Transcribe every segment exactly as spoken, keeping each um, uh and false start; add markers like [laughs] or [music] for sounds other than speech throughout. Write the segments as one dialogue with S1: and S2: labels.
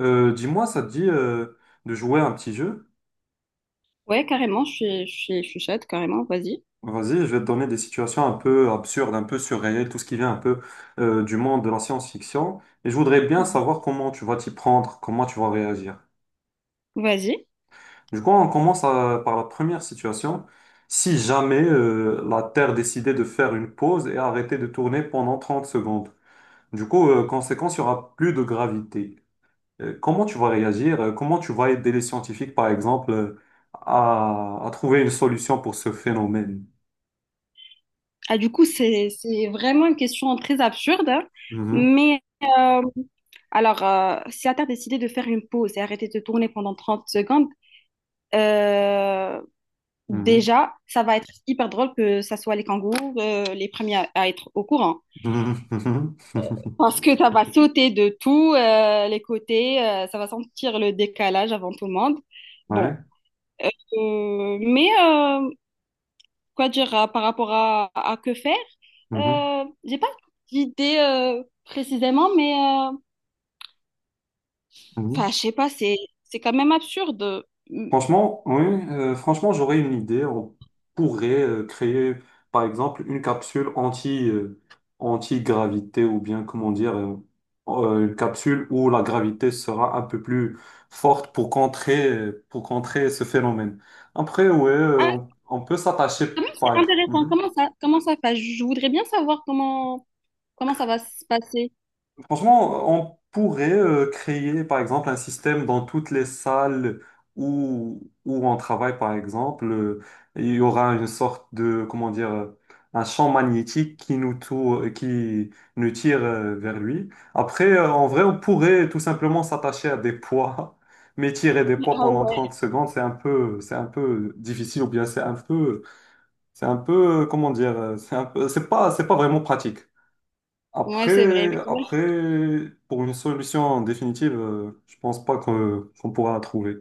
S1: Euh, dis-moi, ça te dit euh, de jouer à un petit jeu?
S2: Ouais, carrément, je suis, je suis, je suis chaude, carrément, vas-y.
S1: Vas-y, je vais te donner des situations un peu absurdes, un peu surréelles, tout ce qui vient un peu euh, du monde de la science-fiction. Et je voudrais bien
S2: Ouais.
S1: savoir comment tu vas t'y prendre, comment tu vas réagir.
S2: Vas-y.
S1: Du coup, on commence à- par la première situation. Si jamais euh, la Terre décidait de faire une pause et arrêter de tourner pendant trente secondes, du coup, euh, conséquence, il n'y aura plus de gravité. Euh, Comment tu vas réagir? euh, Comment tu vas aider les scientifiques, par exemple, euh, à, à trouver une solution pour ce phénomène?
S2: Ah, du coup, c'est, c'est vraiment une question très absurde, hein.
S1: Mhm,
S2: mais euh, alors, euh, si t'as décidé de faire une pause et arrêter de tourner pendant trente secondes, euh,
S1: mhm,
S2: déjà, ça va être hyper drôle que ça soit les kangourous, euh, les premiers à, à être au courant.
S1: mhm, mhm, mhm. Mhm.
S2: Parce que ça va sauter de tous euh, les côtés, euh, ça va sentir le décalage avant tout le monde.
S1: [laughs] Ouais.
S2: Bon, Euh, mais euh, quoi dire euh, par rapport à, à que faire?
S1: Mhm,
S2: Euh, j'ai pas d'idée euh, précisément, mais euh, enfin,
S1: mhm.
S2: je sais pas, c'est c'est quand même absurde. Hum.
S1: Franchement, oui, euh, franchement, j'aurais une idée. On pourrait euh, créer, par exemple, une capsule anti, euh, anti-gravité ou bien, comment dire, euh, euh, une capsule où la gravité sera un peu plus forte pour contrer, euh, pour contrer ce phénomène. Après, ouais, euh,
S2: Ah,
S1: on on peut
S2: quand
S1: s'attacher,
S2: même, c'est
S1: par exemple.
S2: intéressant. Comment ça, comment ça, enfin, je voudrais bien savoir comment comment ça va se passer.
S1: Franchement, on pourrait euh, créer, par exemple, un système dans toutes les salles où, où on travaille, par exemple. Euh, il y aura une sorte de, comment dire, euh, un champ magnétique qui nous, tou- qui nous tire euh, vers lui. Après, euh, en vrai, on pourrait tout simplement s'attacher à des poids, [laughs] mais tirer des poids
S2: Ah
S1: pendant trente
S2: ouais.
S1: secondes, c'est un peu, c'est un peu difficile, ou bien c'est un peu, c'est un peu, euh, comment dire, euh, c'est un peu, c'est pas, c'est pas vraiment pratique.
S2: Ouais, c'est vrai,
S1: Après,
S2: mais quand même,
S1: après, pour une solution en définitive, euh, je pense pas que- qu'on pourra la trouver.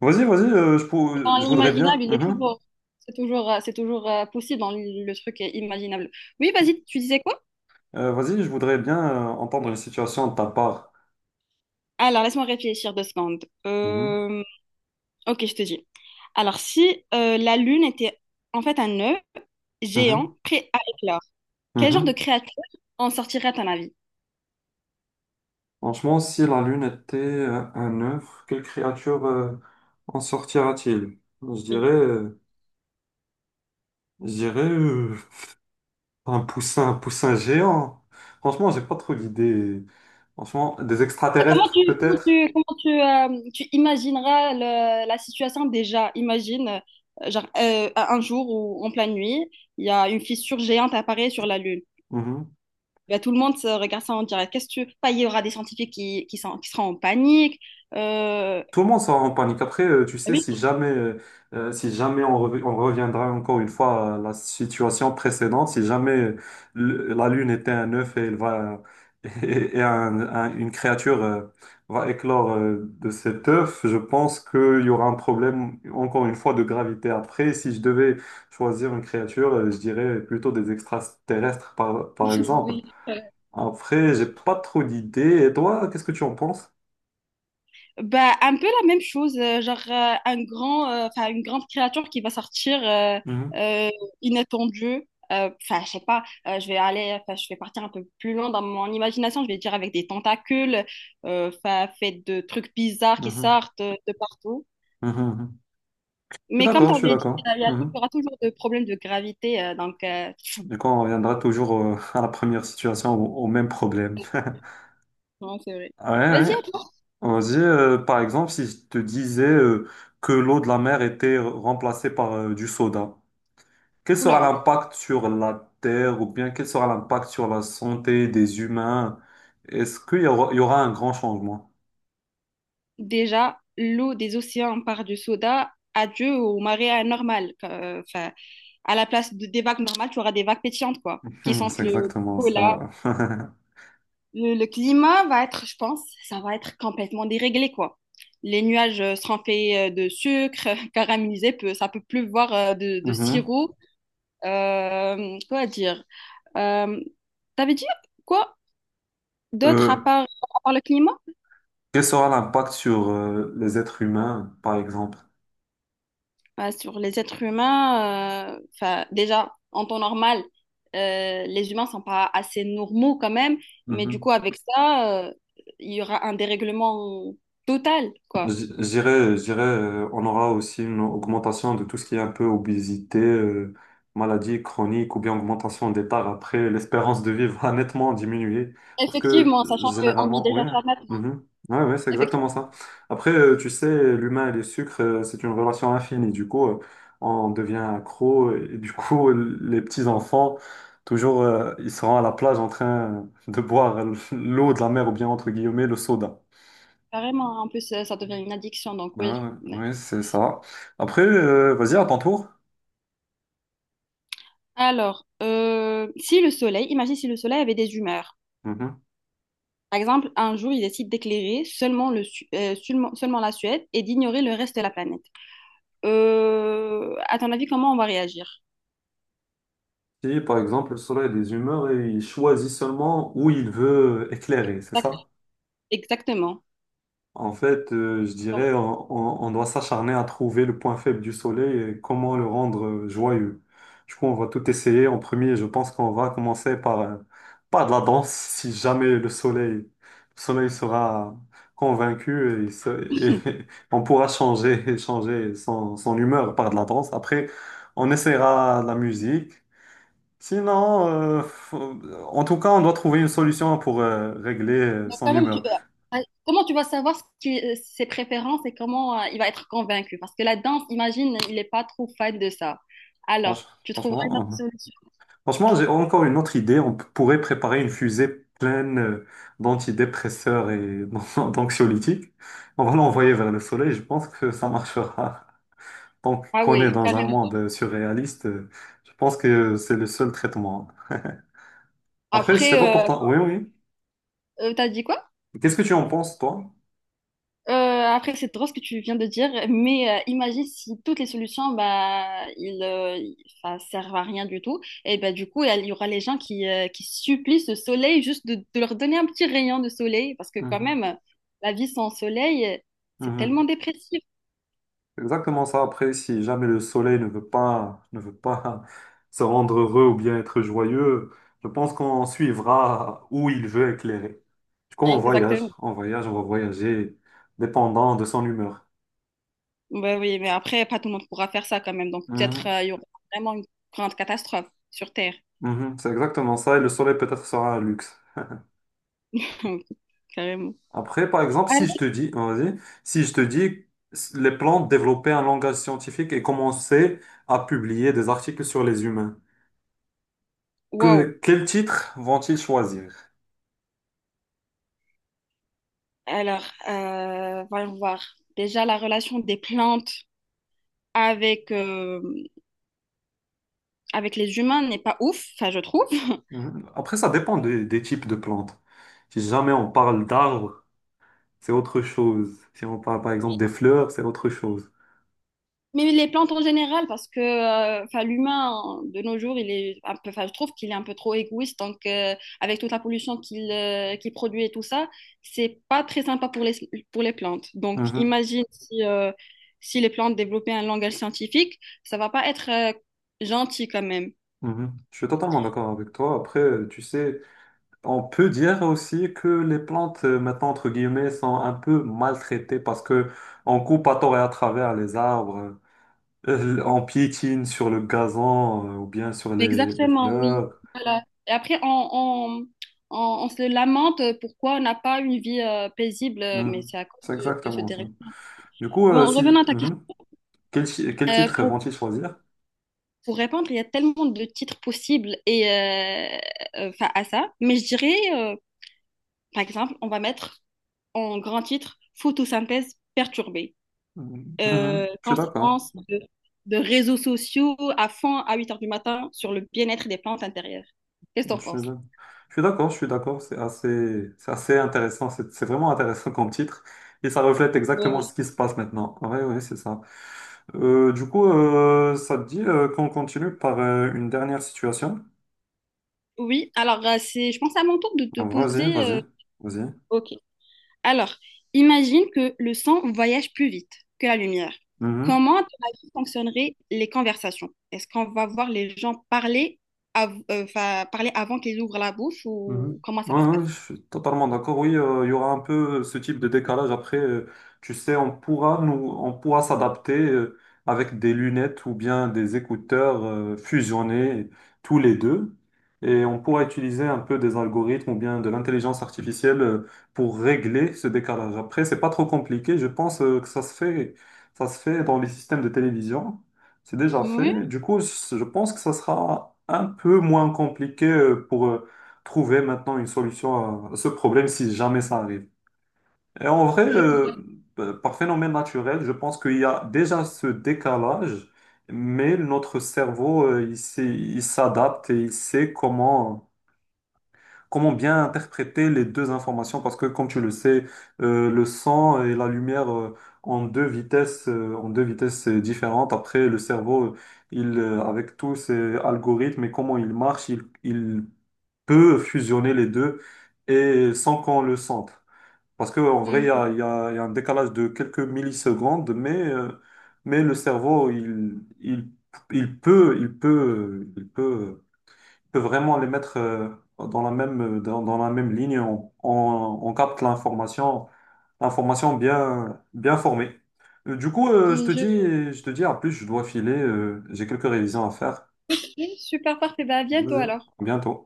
S1: Vas-y, vas-y, euh, je, pour-
S2: c'est
S1: je
S2: dans
S1: voudrais bien.
S2: l'imaginable, il est
S1: Mhm.
S2: toujours, c'est toujours, euh, c'est toujours euh, possible dans le le truc est imaginable. Oui, vas-y, tu disais quoi?
S1: Euh, vas-y, je voudrais bien euh, entendre une situation de ta part.
S2: Alors, laisse-moi réfléchir deux secondes.
S1: Mhm,
S2: Euh, Ok, je te dis. Alors, si euh, la Lune était en fait un œuf géant prêt à éclore,
S1: mhm,
S2: quel genre de
S1: mhm.
S2: créature en sortirait à ton avis?
S1: Franchement, si la Lune était euh, un œuf, quelle créature euh, en sortira-t-il? Je dirais,
S2: Oui.
S1: euh, je dirais euh, un poussin, un poussin géant. Franchement, j'ai pas trop d'idées. Franchement, des
S2: Comment tu,
S1: extraterrestres
S2: comment
S1: peut-être.
S2: tu, comment tu, euh, tu imagineras le- la situation déjà? Imagine, euh, genre, euh, un jour ou en pleine nuit, il y a une fissure géante apparaît sur la Lune.
S1: Mhm.
S2: Ben, tout le monde se regarde ça en direct. Qu'est-ce que tu... Pas il y aura des scientifiques qui, qui, sont- qui seront en panique. Euh,
S1: Tout le monde sera en panique. Après, euh, tu sais,
S2: Oui,
S1: si jamais, euh, euh, si jamais on, rev- on reviendra encore une fois à la situation précédente, si jamais euh, le- la Lune était un œuf et elle va [laughs] et, et un- un- une créature euh, va éclore euh, de cet œuf, je pense qu'il y aura un problème encore une fois de gravité. Après, si je devais choisir une créature, euh, je dirais plutôt des extraterrestres, par, par
S2: [laughs]
S1: exemple.
S2: oui.
S1: Après, j'ai pas trop d'idées. Et toi, qu'est-ce que tu en penses?
S2: Bah, un peu la même chose, euh, genre euh, un grand, euh, enfin, une grande créature qui va sortir euh,
S1: Mhm,
S2: euh, inattendue. Euh, Enfin, je sais pas, euh, je vais aller, enfin, je vais partir un peu plus loin dans mon imagination. Je vais dire avec des tentacules, euh, enfin, fait de trucs bizarres qui
S1: mhm,
S2: sortent euh, de partout.
S1: mhm, mhm. Je suis
S2: Mais comme
S1: d'accord,
S2: tu
S1: je suis
S2: avais dit, il
S1: d'accord.
S2: y, a- il y
S1: Mhm.
S2: aura toujours des problèmes de gravité, euh, donc euh,
S1: Du coup, on reviendra toujours euh, [laughs] à la première situation, au, au même problème. [laughs]
S2: non, c'est vrai.
S1: Ouais,
S2: Vas-y,
S1: ouais.
S2: à toi.
S1: Vas-y, euh, par exemple, si je te disais euh, que l'eau de la mer était remplacée par euh, du soda, quel sera
S2: Oula.
S1: l'impact sur la Terre ou bien quel sera l'impact sur la santé des humains? Est-ce qu'il y aura, il y aura un grand changement? [laughs]
S2: Déjà, l'eau des océans part du soda. Adieu au marais anormal. Enfin, à la place de, des vagues normales, tu auras des vagues pétillantes, quoi, qui
S1: Hmm,
S2: sentent
S1: c'est
S2: le
S1: exactement
S2: cola.
S1: ça. [laughs]
S2: Le, le climat va être, je pense, ça va être complètement déréglé, quoi. Les nuages euh, seront faits euh, de sucre [laughs] euh, caramélisé, peut, ça peut pleuvoir euh, de, de
S1: Mhm.
S2: sirop. Euh, quoi dire? Euh, T'avais dit quoi d'autre à
S1: Euh,
S2: part, à part le climat?
S1: quel sera l'impact sur euh, les êtres humains, par exemple?
S2: Bah, sur les êtres humains, euh, 'fin, déjà, en temps normal, euh, les humains sont pas assez normaux quand même, mais du
S1: Mhm.
S2: coup, avec ça, euh, il y aura un dérèglement total,
S1: Je
S2: quoi.
S1: je dirais, je dirais, euh, on aura aussi une augmentation de tout ce qui est un peu obésité, euh, maladie chronique ou bien augmentation des tares. Après, l'espérance de vie va nettement diminuer parce que
S2: Effectivement,
S1: euh,
S2: sachant qu'on vit
S1: généralement, oui,
S2: déjà ça maintenant.
S1: mhm. Ouais, ouais, c'est exactement
S2: Effectivement,
S1: ça. Après, euh, tu sais, l'humain et le sucre, euh, c'est une relation infinie. Du coup, euh, on devient accro et du [laughs] coup, les petits-enfants, toujours, euh, ils seront à la plage en train de boire l'eau de la mer ou bien, entre guillemets, le soda.
S2: carrément. Hein. En plus, ça, ça devient une addiction, donc oui.
S1: Ah ouais, ouais, c'est ça. Après, euh, vas-y, à ton tour.
S2: Alors, euh, si le soleil, imagine si le soleil avait des humeurs.
S1: Mhm.
S2: Par exemple, un jour, il décide d'éclairer seulement, le, Su- euh, seulement, seulement la Suède et d'ignorer le reste de la planète. Euh, à ton avis, comment on va réagir?
S1: Si, par exemple, le soleil a des humeurs et il choisit seulement où il veut éclairer, c'est
S2: Exact-
S1: ça?
S2: Exactement.
S1: En fait, euh, je
S2: Bon.
S1: dirais, on, on- on doit s'acharner à trouver le point faible du soleil et comment le rendre euh, joyeux. Du coup, on va tout essayer. En premier, je pense qu'on va commencer par, euh, par de la danse, si jamais le soleil, le soleil sera convaincu et, se- et [laughs] on pourra changer, changer son, son humeur par de la danse. Après, on essaiera de la musique. Sinon, euh, faut- En tout cas, on doit trouver une solution pour euh, régler euh,
S2: Mais
S1: son
S2: quand même, tu-
S1: humeur.
S2: euh, ouais, comment tu vas savoir ce qui- euh, ses préférences et comment euh, il va être convaincu? Parce que la danse, imagine, il n'est pas trop fan de ça. Alors,
S1: Franch-
S2: tu trouveras une autre
S1: Franchement. [laughs]
S2: solution.
S1: Franchement, j'ai encore une autre idée. On p- pourrait préparer une fusée pleine euh, d'antidépresseurs et [laughs] d'anxiolytiques. On va l'envoyer vers le soleil. Je pense que ça marchera. Tant
S2: Ah
S1: qu'on est
S2: oui,
S1: dans un
S2: carrément.
S1: monde euh, surréaliste, euh, je pense que c'est le seul traitement. Après, je sais pas
S2: Après,
S1: pourtant. Oui, oui.
S2: tu as dit quoi?
S1: Qu'est-ce que tu en penses, toi?
S2: Euh, après, c'est drôle ce que tu viens de dire, mais euh, imagine si toutes les solutions, bah, ils, euh, ils- enfin, servent à rien du tout. Et bah, du coup, il y aura les gens qui, euh, qui supplient ce soleil juste de, de leur donner un petit rayon de soleil, parce que quand
S1: Mhm.
S2: même, la vie sans soleil, c'est tellement
S1: Mhm.
S2: dépressif.
S1: Exactement ça. Après, si jamais le soleil ne veut pas, ne veut pas se rendre heureux ou bien être joyeux, je pense qu'on suivra où il veut éclairer. Du coup, on voyage,
S2: Exactement.
S1: on voyage, on va voyager, dépendant de son humeur.
S2: Bah oui, mais après, pas tout le monde pourra faire ça quand même. Donc peut-être
S1: Mhm.
S2: euh, il y aura vraiment une grande catastrophe sur Terre,
S1: Mhm. C'est exactement ça. Et le soleil peut-être sera un luxe.
S2: [laughs] carrément.
S1: Après, par exemple, si
S2: Alors,
S1: je te dis, vas-y, si je te dis, les plantes développaient un langage scientifique et commençaient à publier des articles sur les humains,
S2: waouh.
S1: que, quel titre vont-ils choisir?
S2: Alors, euh, voyons voir. Déjà, la relation des plantes, avec, euh, avec les humains n'est pas ouf, enfin, je trouve. [laughs]
S1: Mhm. Après, ça dépend des, des types de plantes. Si jamais on parle d'arbres, c'est autre chose. Si on parle par exemple des fleurs, c'est autre chose.
S2: Mais les plantes en général, parce que euh, enfin, l'humain, de nos jours, il est un peu, enfin, je trouve qu'il est un peu trop égoïste. Donc, euh, avec toute la pollution qu'il euh, qu'il produit et tout ça, c'est pas très sympa pour les, pour les plantes. Donc,
S1: Mhm.
S2: imagine si, euh, si les plantes développaient un langage scientifique, ça va pas être euh, gentil quand même.
S1: Mhm. Je suis totalement d'accord avec toi. Après, euh, tu sais, on peut dire aussi que les plantes, euh, maintenant, entre guillemets, sont un peu maltraitées parce que on coupe à tort et à travers les arbres, euh, on piétine sur le gazon, euh, ou bien sur les, les
S2: Exactement, oui.
S1: fleurs.
S2: Voilà. Et après, on, on, on- on se lamente pourquoi on n'a pas une vie euh, paisible, euh, mais
S1: Mhm.
S2: c'est à cause
S1: C'est
S2: de, de ce
S1: exactement ça.
S2: dérèglement.
S1: Du coup, euh,
S2: Bon,
S1: si,
S2: revenons à ta question.
S1: mhm. Quel, chi- quel
S2: Euh,
S1: titre
S2: pour,
S1: vont-ils choisir?
S2: pour répondre, il y a tellement de titres possibles et, euh, euh, 'fin, à ça, mais je dirais, euh, par exemple, on va mettre en grand titre photosynthèse perturbée.
S1: Mhm. Mhm.
S2: Euh,
S1: Je suis d'accord.
S2: conséquence de, de réseaux sociaux à fond à huit heures du matin sur le bien-être des plantes intérieures. Qu'est-ce que t'en
S1: Je, suis
S2: penses?
S1: je suis d'accord, je suis d'accord. C'est assez, c'est assez intéressant. C'est c'est vraiment intéressant comme titre. Et ça reflète exactement
S2: Oui,
S1: ce qui se passe maintenant. Oui, oui, c'est ça. Euh, du coup, euh, ça te dit euh, qu'on continue par euh, une dernière situation?
S2: oui, alors euh, c'est, je pense à mon tour de te
S1: Vas-y,
S2: poser.
S1: vas-y,
S2: euh,
S1: vas-y.
S2: Ok. Alors, imagine que le son voyage plus vite que la lumière.
S1: Mhm.
S2: Comment, à ton avis, fonctionneraient les conversations? Est-ce qu'on va voir les gens parler, av- euh, 'fin, parler avant qu'ils ouvrent la bouche ou
S1: Mhm.
S2: comment ça va
S1: Ouais,
S2: se
S1: ouais, je
S2: passer?
S1: suis totalement d'accord. Oui, euh, il y aura un peu ce type de décalage. Après, euh, tu sais, on pourra nous, on pourra s'adapter euh, avec des lunettes ou bien des écouteurs euh, fusionnés tous les deux. Et on pourra utiliser un peu des algorithmes ou bien de l'intelligence artificielle euh, pour régler ce décalage. Après, c'est pas trop compliqué. Je pense euh, que ça se fait, ça se fait dans les systèmes de télévision. C'est déjà fait.
S2: Oui,
S1: Du coup, je je pense que ça sera un peu moins compliqué euh, pour euh, trouver maintenant une solution à à ce problème si jamais ça arrive. Et en vrai,
S2: je,
S1: euh, p- par phénomène naturel, je pense qu'il y a déjà ce décalage, mais notre cerveau, euh, il sait- il s'adapte et il sait comment, comment bien interpréter les deux informations parce que, comme tu le sais, euh, le son et la lumière, euh, en deux vitesses, euh, en deux vitesses euh, différentes. Après, le cerveau, il, euh, avec tous ses algorithmes et comment il marche, il, il peut fusionner les deux et sans qu'on le sente. Parce qu'en vrai, il
S2: Hmm.
S1: y a, il y a- il y a un décalage de quelques millisecondes, mais, euh, mais le cerveau, il, il, il peut, il peut, il peut, il peut vraiment les mettre euh, dans la même, dans, dans la même ligne. On, on- on capte l'information, l'information bien, bien formée. Euh, Du coup, euh, je te
S2: je,
S1: dis, je te dis, en plus, je dois filer, euh, j'ai quelques révisions à faire.
S2: oui, super parfait. Bah, à bientôt
S1: Vas-y,
S2: alors.
S1: à bientôt.